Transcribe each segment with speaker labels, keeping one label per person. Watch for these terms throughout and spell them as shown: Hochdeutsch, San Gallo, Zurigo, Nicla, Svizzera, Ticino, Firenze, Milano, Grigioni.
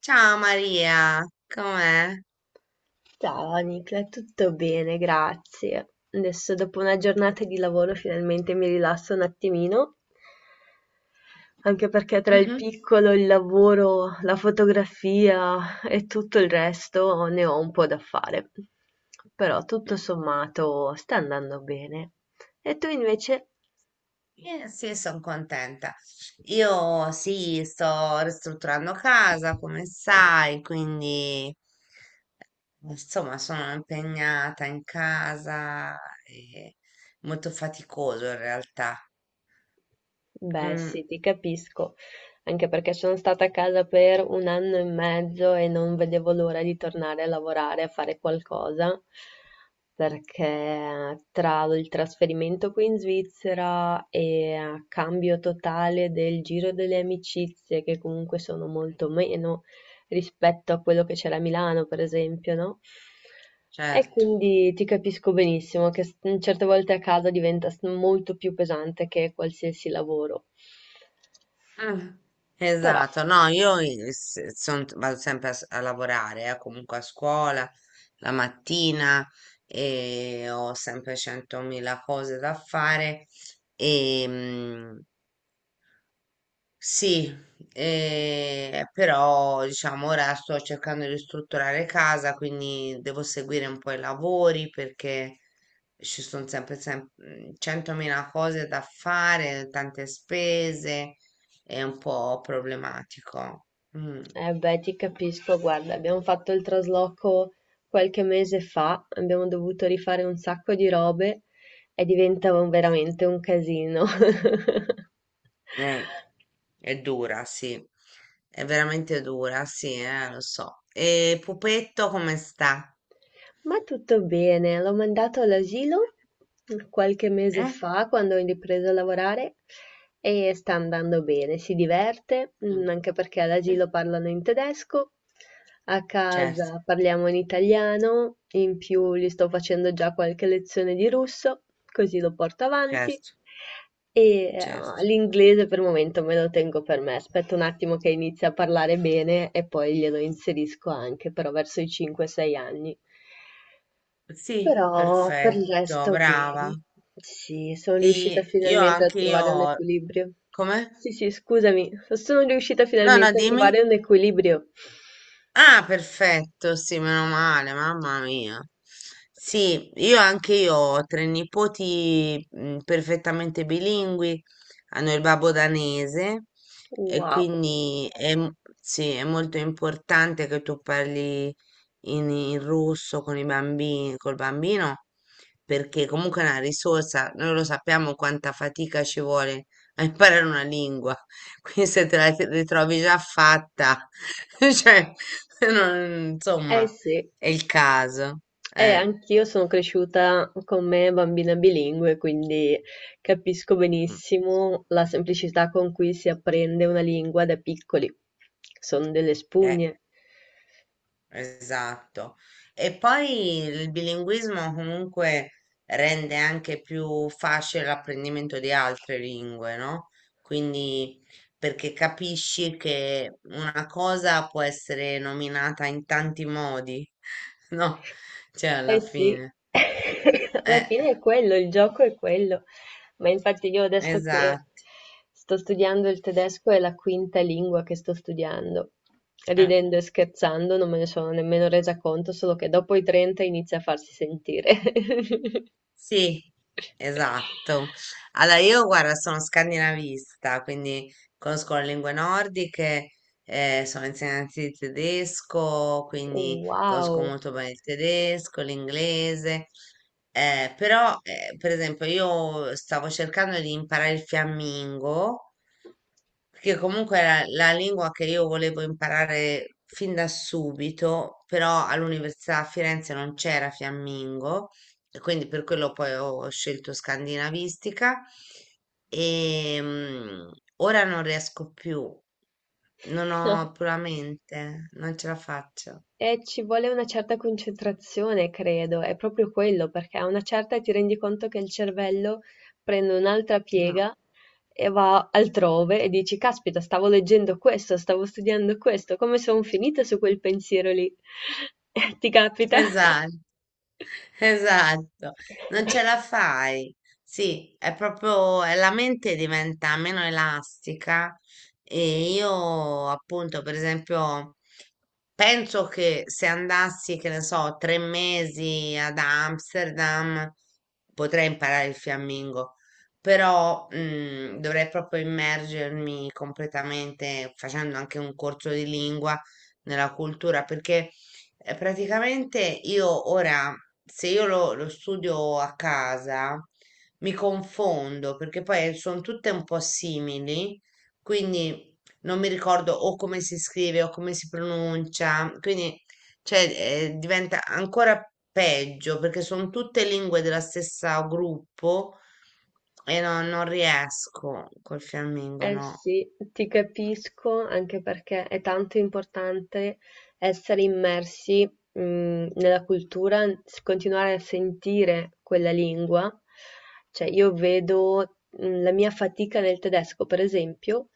Speaker 1: Ciao Maria, com'è?
Speaker 2: Ciao Nicla, tutto bene, grazie. Adesso dopo una giornata di lavoro finalmente mi rilasso un attimino, anche perché tra il
Speaker 1: Mhm.
Speaker 2: piccolo, il lavoro, la fotografia e tutto il resto ne ho un po' da fare. Però tutto
Speaker 1: Mm.
Speaker 2: sommato sta andando bene. E tu invece?
Speaker 1: Sì, sono contenta. Io sì, sto ristrutturando casa, come sai, quindi insomma sono impegnata in casa e molto faticoso in realtà.
Speaker 2: Beh,
Speaker 1: Mm,
Speaker 2: sì, ti capisco, anche perché sono stata a casa per un anno e mezzo e non vedevo l'ora di tornare a lavorare, a fare qualcosa, perché tra il trasferimento qui in Svizzera e cambio totale del giro delle amicizie, che comunque sono molto meno, rispetto a quello che c'era a Milano, per esempio, no? E
Speaker 1: certo.
Speaker 2: quindi ti capisco benissimo che certe volte a casa diventa molto più pesante che qualsiasi lavoro.
Speaker 1: Eh,
Speaker 2: Però,
Speaker 1: Esatto, no, io vado sempre a lavorare, comunque a scuola la mattina e ho sempre centomila cose da fare e, sì, però diciamo ora sto cercando di ristrutturare casa, quindi devo seguire un po' i lavori perché ci sono sempre, 100.000 cose da fare, tante spese, è un po' problematico. Mm,
Speaker 2: eh beh, ti capisco, guarda, abbiamo fatto il trasloco qualche mese fa, abbiamo dovuto rifare un sacco di robe e diventa veramente un casino.
Speaker 1: eh, è dura, sì, è veramente dura, sì, lo so. E Pupetto come sta?
Speaker 2: Ma tutto bene, l'ho mandato all'asilo qualche mese
Speaker 1: Eh?
Speaker 2: fa quando ho ripreso a lavorare e sta andando bene, si diverte,
Speaker 1: Mm,
Speaker 2: anche perché all'asilo parlano in tedesco, a
Speaker 1: certo,
Speaker 2: casa parliamo in italiano, in più gli sto facendo già qualche lezione di russo, così lo porto avanti.
Speaker 1: certo,
Speaker 2: E eh,
Speaker 1: certo.
Speaker 2: l'inglese per il momento me lo tengo per me, aspetto un attimo che inizi a parlare bene e poi glielo inserisco anche, però verso i 5-6 anni.
Speaker 1: Sì,
Speaker 2: Però per il
Speaker 1: perfetto,
Speaker 2: resto
Speaker 1: brava.
Speaker 2: bene. Sì, sono riuscita
Speaker 1: Sì, io
Speaker 2: finalmente a
Speaker 1: anche
Speaker 2: trovare un
Speaker 1: io.
Speaker 2: equilibrio.
Speaker 1: Come?
Speaker 2: Sì, sì, scusami, sono riuscita
Speaker 1: No, no,
Speaker 2: finalmente a
Speaker 1: dimmi.
Speaker 2: trovare un equilibrio.
Speaker 1: Ah, perfetto, sì, meno male, mamma mia. Sì, io anche io ho tre nipoti perfettamente bilingui, hanno il babbo danese e
Speaker 2: Wow.
Speaker 1: quindi è, sì, è molto importante che tu parli in russo con i bambini, col bambino, perché comunque è una risorsa, noi lo sappiamo quanta fatica ci vuole a imparare una lingua. Qui se ritrovi già fatta, cioè,
Speaker 2: Eh
Speaker 1: insomma,
Speaker 2: sì,
Speaker 1: è il caso. Eh,
Speaker 2: anch'io sono cresciuta con me bambina bilingue, quindi capisco
Speaker 1: Mm.
Speaker 2: benissimo la semplicità con cui si apprende una lingua da piccoli. Sono delle
Speaker 1: eh,
Speaker 2: spugne.
Speaker 1: esatto. E poi il bilinguismo comunque rende anche più facile l'apprendimento di altre lingue, no? Quindi, perché capisci che una cosa può essere nominata in tanti modi, no? Cioè,
Speaker 2: Eh
Speaker 1: alla
Speaker 2: sì,
Speaker 1: fine.
Speaker 2: alla
Speaker 1: Eh,
Speaker 2: fine è quello, il gioco è quello. Ma infatti io adesso che
Speaker 1: esatto.
Speaker 2: sto studiando il tedesco è la quinta lingua che sto studiando. Ridendo e scherzando non me ne sono nemmeno resa conto, solo che dopo i 30 inizia a farsi sentire.
Speaker 1: Sì, esatto. Allora, io guarda, sono scandinavista, quindi conosco le lingue nordiche, sono insegnante di tedesco, quindi conosco
Speaker 2: Wow.
Speaker 1: molto bene il tedesco, l'inglese. Però, per esempio, io stavo cercando di imparare il fiammingo perché comunque era la lingua che io volevo imparare fin da subito, però all'università a Firenze non c'era fiammingo, e quindi per quello poi ho scelto scandinavistica e ora non riesco più, non ho puramente, non ce la faccio.
Speaker 2: Ci vuole una certa concentrazione credo, è proprio quello, perché a una certa ti rendi conto che il cervello prende un'altra
Speaker 1: No.
Speaker 2: piega e va altrove e dici, caspita, stavo leggendo questo, stavo studiando questo, come sono finita su quel pensiero lì? Ti capita?
Speaker 1: Esatto. Esatto, non ce la fai. Sì, è proprio, la mente diventa meno elastica e io appunto, per esempio, penso che se andassi, che ne so, 3 mesi ad Amsterdam potrei imparare il fiammingo, però dovrei proprio immergermi completamente facendo anche un corso di lingua nella cultura perché praticamente io ora, se io lo, lo studio a casa, mi confondo perché poi sono tutte un po' simili, quindi non mi ricordo o come si scrive o come si pronuncia, quindi cioè, diventa ancora peggio perché sono tutte lingue della stessa gruppo e non riesco col fiammingo,
Speaker 2: Eh
Speaker 1: no.
Speaker 2: sì, ti capisco anche perché è tanto importante essere immersi, mh, nella cultura, continuare a sentire quella lingua. Cioè, io vedo, la mia fatica nel tedesco, per esempio,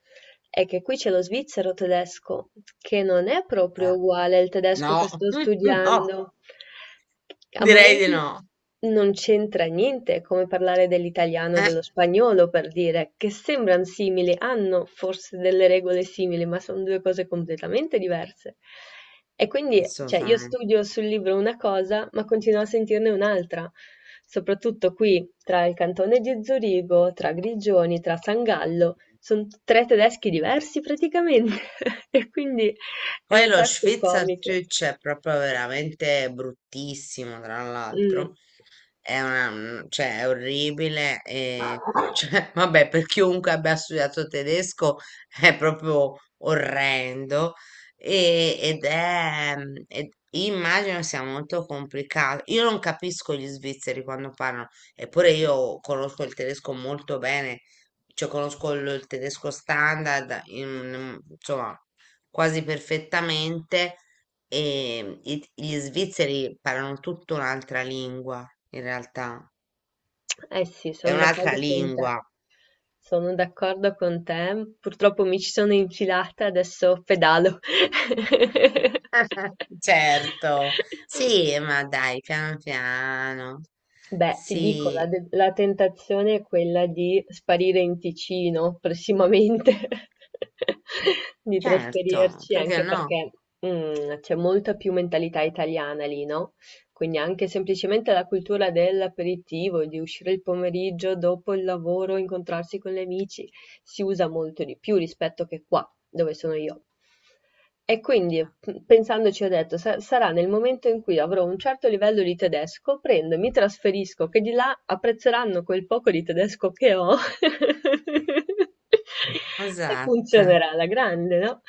Speaker 2: è che qui c'è lo svizzero tedesco, che non è proprio
Speaker 1: Eh,
Speaker 2: uguale al tedesco che
Speaker 1: No,
Speaker 2: sto
Speaker 1: no,
Speaker 2: studiando. A
Speaker 1: direi di
Speaker 2: momenti
Speaker 1: no.
Speaker 2: non c'entra niente, è come parlare dell'italiano e
Speaker 1: Eh,
Speaker 2: dello spagnolo, per dire, che sembran simili, hanno forse delle regole simili, ma sono due cose completamente diverse. E quindi, cioè, io
Speaker 1: assolutamente.
Speaker 2: studio sul libro una cosa, ma continuo a sentirne un'altra. Soprattutto qui, tra il cantone di Zurigo, tra Grigioni, tra San Gallo, son tre tedeschi diversi praticamente e quindi è
Speaker 1: Poi
Speaker 2: un
Speaker 1: lo
Speaker 2: sacco comico.
Speaker 1: Schweizerdeutsch è proprio veramente bruttissimo, tra
Speaker 2: Mh.
Speaker 1: l'altro. È una, cioè, è orribile. E, cioè, vabbè, per chiunque abbia studiato tedesco è proprio orrendo. E, ed è, immagino sia molto complicato. Io non capisco gli svizzeri quando parlano, eppure
Speaker 2: Mh-mh.
Speaker 1: io conosco il tedesco molto bene, cioè conosco il tedesco standard, insomma quasi perfettamente e gli svizzeri parlano tutta un'altra lingua, in realtà.
Speaker 2: Eh sì,
Speaker 1: È
Speaker 2: son
Speaker 1: un'altra
Speaker 2: d'accordo con
Speaker 1: lingua.
Speaker 2: te. Sono d'accordo con te. Purtroppo mi ci sono infilata, adesso pedalo.
Speaker 1: Certo, sì, ma dai, piano piano.
Speaker 2: Beh, ti dico, la
Speaker 1: Sì,
Speaker 2: de la tentazione è quella di sparire in Ticino prossimamente, di
Speaker 1: certo,
Speaker 2: trasferirci,
Speaker 1: perché
Speaker 2: anche
Speaker 1: no?
Speaker 2: perché, c'è molta più mentalità italiana lì, no, quindi anche semplicemente la cultura dell'aperitivo, di uscire il pomeriggio dopo il lavoro, incontrarsi con gli amici si usa molto di più rispetto che qua, dove sono io. E quindi, pensandoci, ho detto, sarà nel momento in cui avrò un certo livello di tedesco, prendo, mi trasferisco, che di là apprezzeranno quel poco di tedesco che ho. E
Speaker 1: Esatto,
Speaker 2: funzionerà alla grande, no?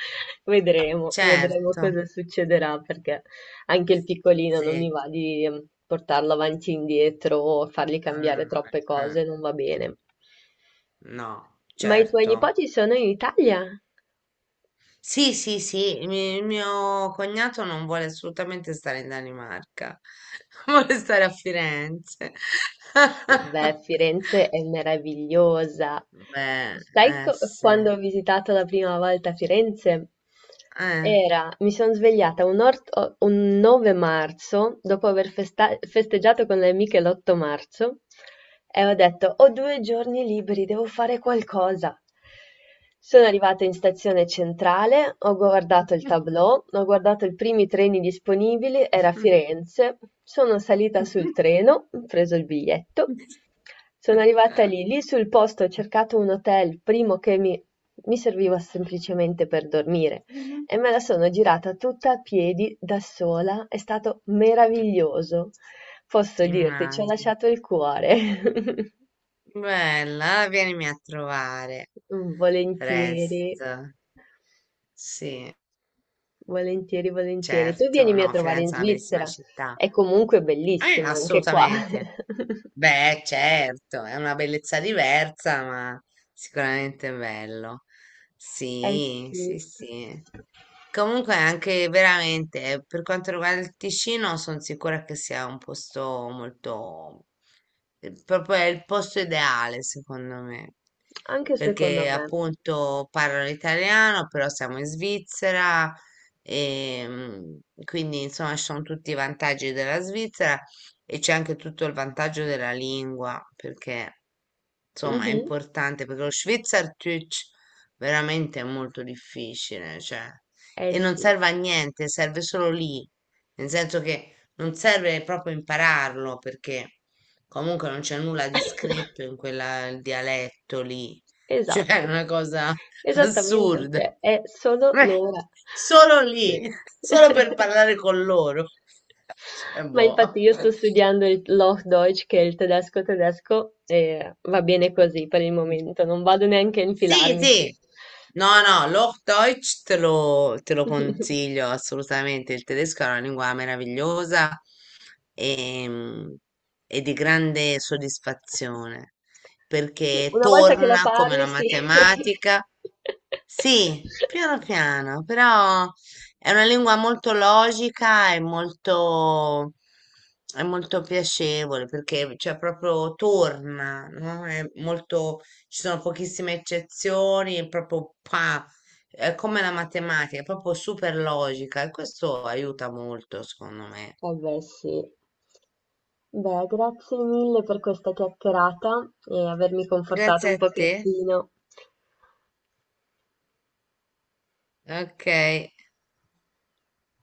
Speaker 2: Vedremo, vedremo
Speaker 1: certo,
Speaker 2: cosa succederà perché anche il piccolino non mi
Speaker 1: sì,
Speaker 2: va di portarlo avanti e indietro o fargli cambiare
Speaker 1: amore,
Speaker 2: troppe cose, non va bene.
Speaker 1: no,
Speaker 2: Ma i tuoi
Speaker 1: certo.
Speaker 2: nipoti sono in Italia?
Speaker 1: Sì, sì, sì, il mio cognato non vuole assolutamente stare in Danimarca, vuole stare a Firenze.
Speaker 2: Beh, Firenze è meravigliosa.
Speaker 1: Beh,
Speaker 2: Sai
Speaker 1: eh sì,
Speaker 2: quando ho visitato la prima volta Firenze?
Speaker 1: eh.
Speaker 2: Era, mi sono svegliata un 9 marzo, dopo aver festeggiato con le amiche l'8 marzo, e ho detto, ho due giorni liberi, devo fare qualcosa. Sono arrivata in stazione centrale, ho guardato il tableau, ho guardato i primi treni disponibili, era Firenze, sono salita sul treno, ho preso il biglietto, sono arrivata lì, lì sul posto ho cercato un hotel, primo che mi serviva semplicemente per dormire e me la sono girata tutta a piedi da sola, è stato meraviglioso. Posso dirti, ci ho
Speaker 1: Immagino.
Speaker 2: lasciato il cuore.
Speaker 1: Bella, vienimi a trovare
Speaker 2: Volentieri.
Speaker 1: presto. Sì,
Speaker 2: Volentieri, volentieri. Tu
Speaker 1: certo.
Speaker 2: vienimi a
Speaker 1: No,
Speaker 2: trovare in
Speaker 1: Firenze è una bellissima
Speaker 2: Svizzera.
Speaker 1: città.
Speaker 2: È comunque bellissima anche qua.
Speaker 1: Assolutamente. Beh, certo, è una bellezza diversa, ma sicuramente bello.
Speaker 2: Eh
Speaker 1: Sì,
Speaker 2: sì.
Speaker 1: sì, sì. Comunque anche veramente, per quanto riguarda il Ticino, sono sicura che sia un posto molto, proprio è il posto ideale, secondo me.
Speaker 2: Anche secondo
Speaker 1: Perché
Speaker 2: me.
Speaker 1: appunto parlo l'italiano, però siamo in Svizzera e quindi insomma ci sono tutti i vantaggi della Svizzera e c'è anche tutto il vantaggio della lingua, perché insomma è
Speaker 2: Mh-mh.
Speaker 1: importante, perché lo Schweizerdeutsch veramente è molto difficile, cioè,
Speaker 2: Eh
Speaker 1: e non
Speaker 2: sì.
Speaker 1: serve a niente, serve solo lì, nel senso che non serve proprio impararlo, perché comunque non c'è nulla di scritto in quel dialetto lì, cioè è
Speaker 2: Esatto.
Speaker 1: una cosa
Speaker 2: Esattamente,
Speaker 1: assurda.
Speaker 2: cioè è solo l'ora.
Speaker 1: Solo
Speaker 2: Sì.
Speaker 1: lì, solo per parlare con loro. Cioè,
Speaker 2: Ma
Speaker 1: boh.
Speaker 2: infatti io sto studiando il Hochdeutsch, che è il tedesco tedesco, e va bene così per il momento, non vado neanche a
Speaker 1: Sì,
Speaker 2: infilarmici.
Speaker 1: sì. No, no, l'Hochdeutsch te lo consiglio assolutamente. Il tedesco è una lingua meravigliosa e, e di grande soddisfazione
Speaker 2: Sì,
Speaker 1: perché
Speaker 2: una volta che la
Speaker 1: torna come la
Speaker 2: parli, sì.
Speaker 1: matematica. Sì, piano piano, però è una lingua molto logica e molto, è molto piacevole perché cioè, proprio torna, no? È molto ci sono pochissime eccezioni, è come la matematica, è proprio super logica e questo aiuta molto, secondo me.
Speaker 2: Eh beh, sì. Beh, grazie mille per questa chiacchierata e avermi confortato
Speaker 1: Grazie
Speaker 2: un
Speaker 1: a te.
Speaker 2: pochettino.
Speaker 1: Ok.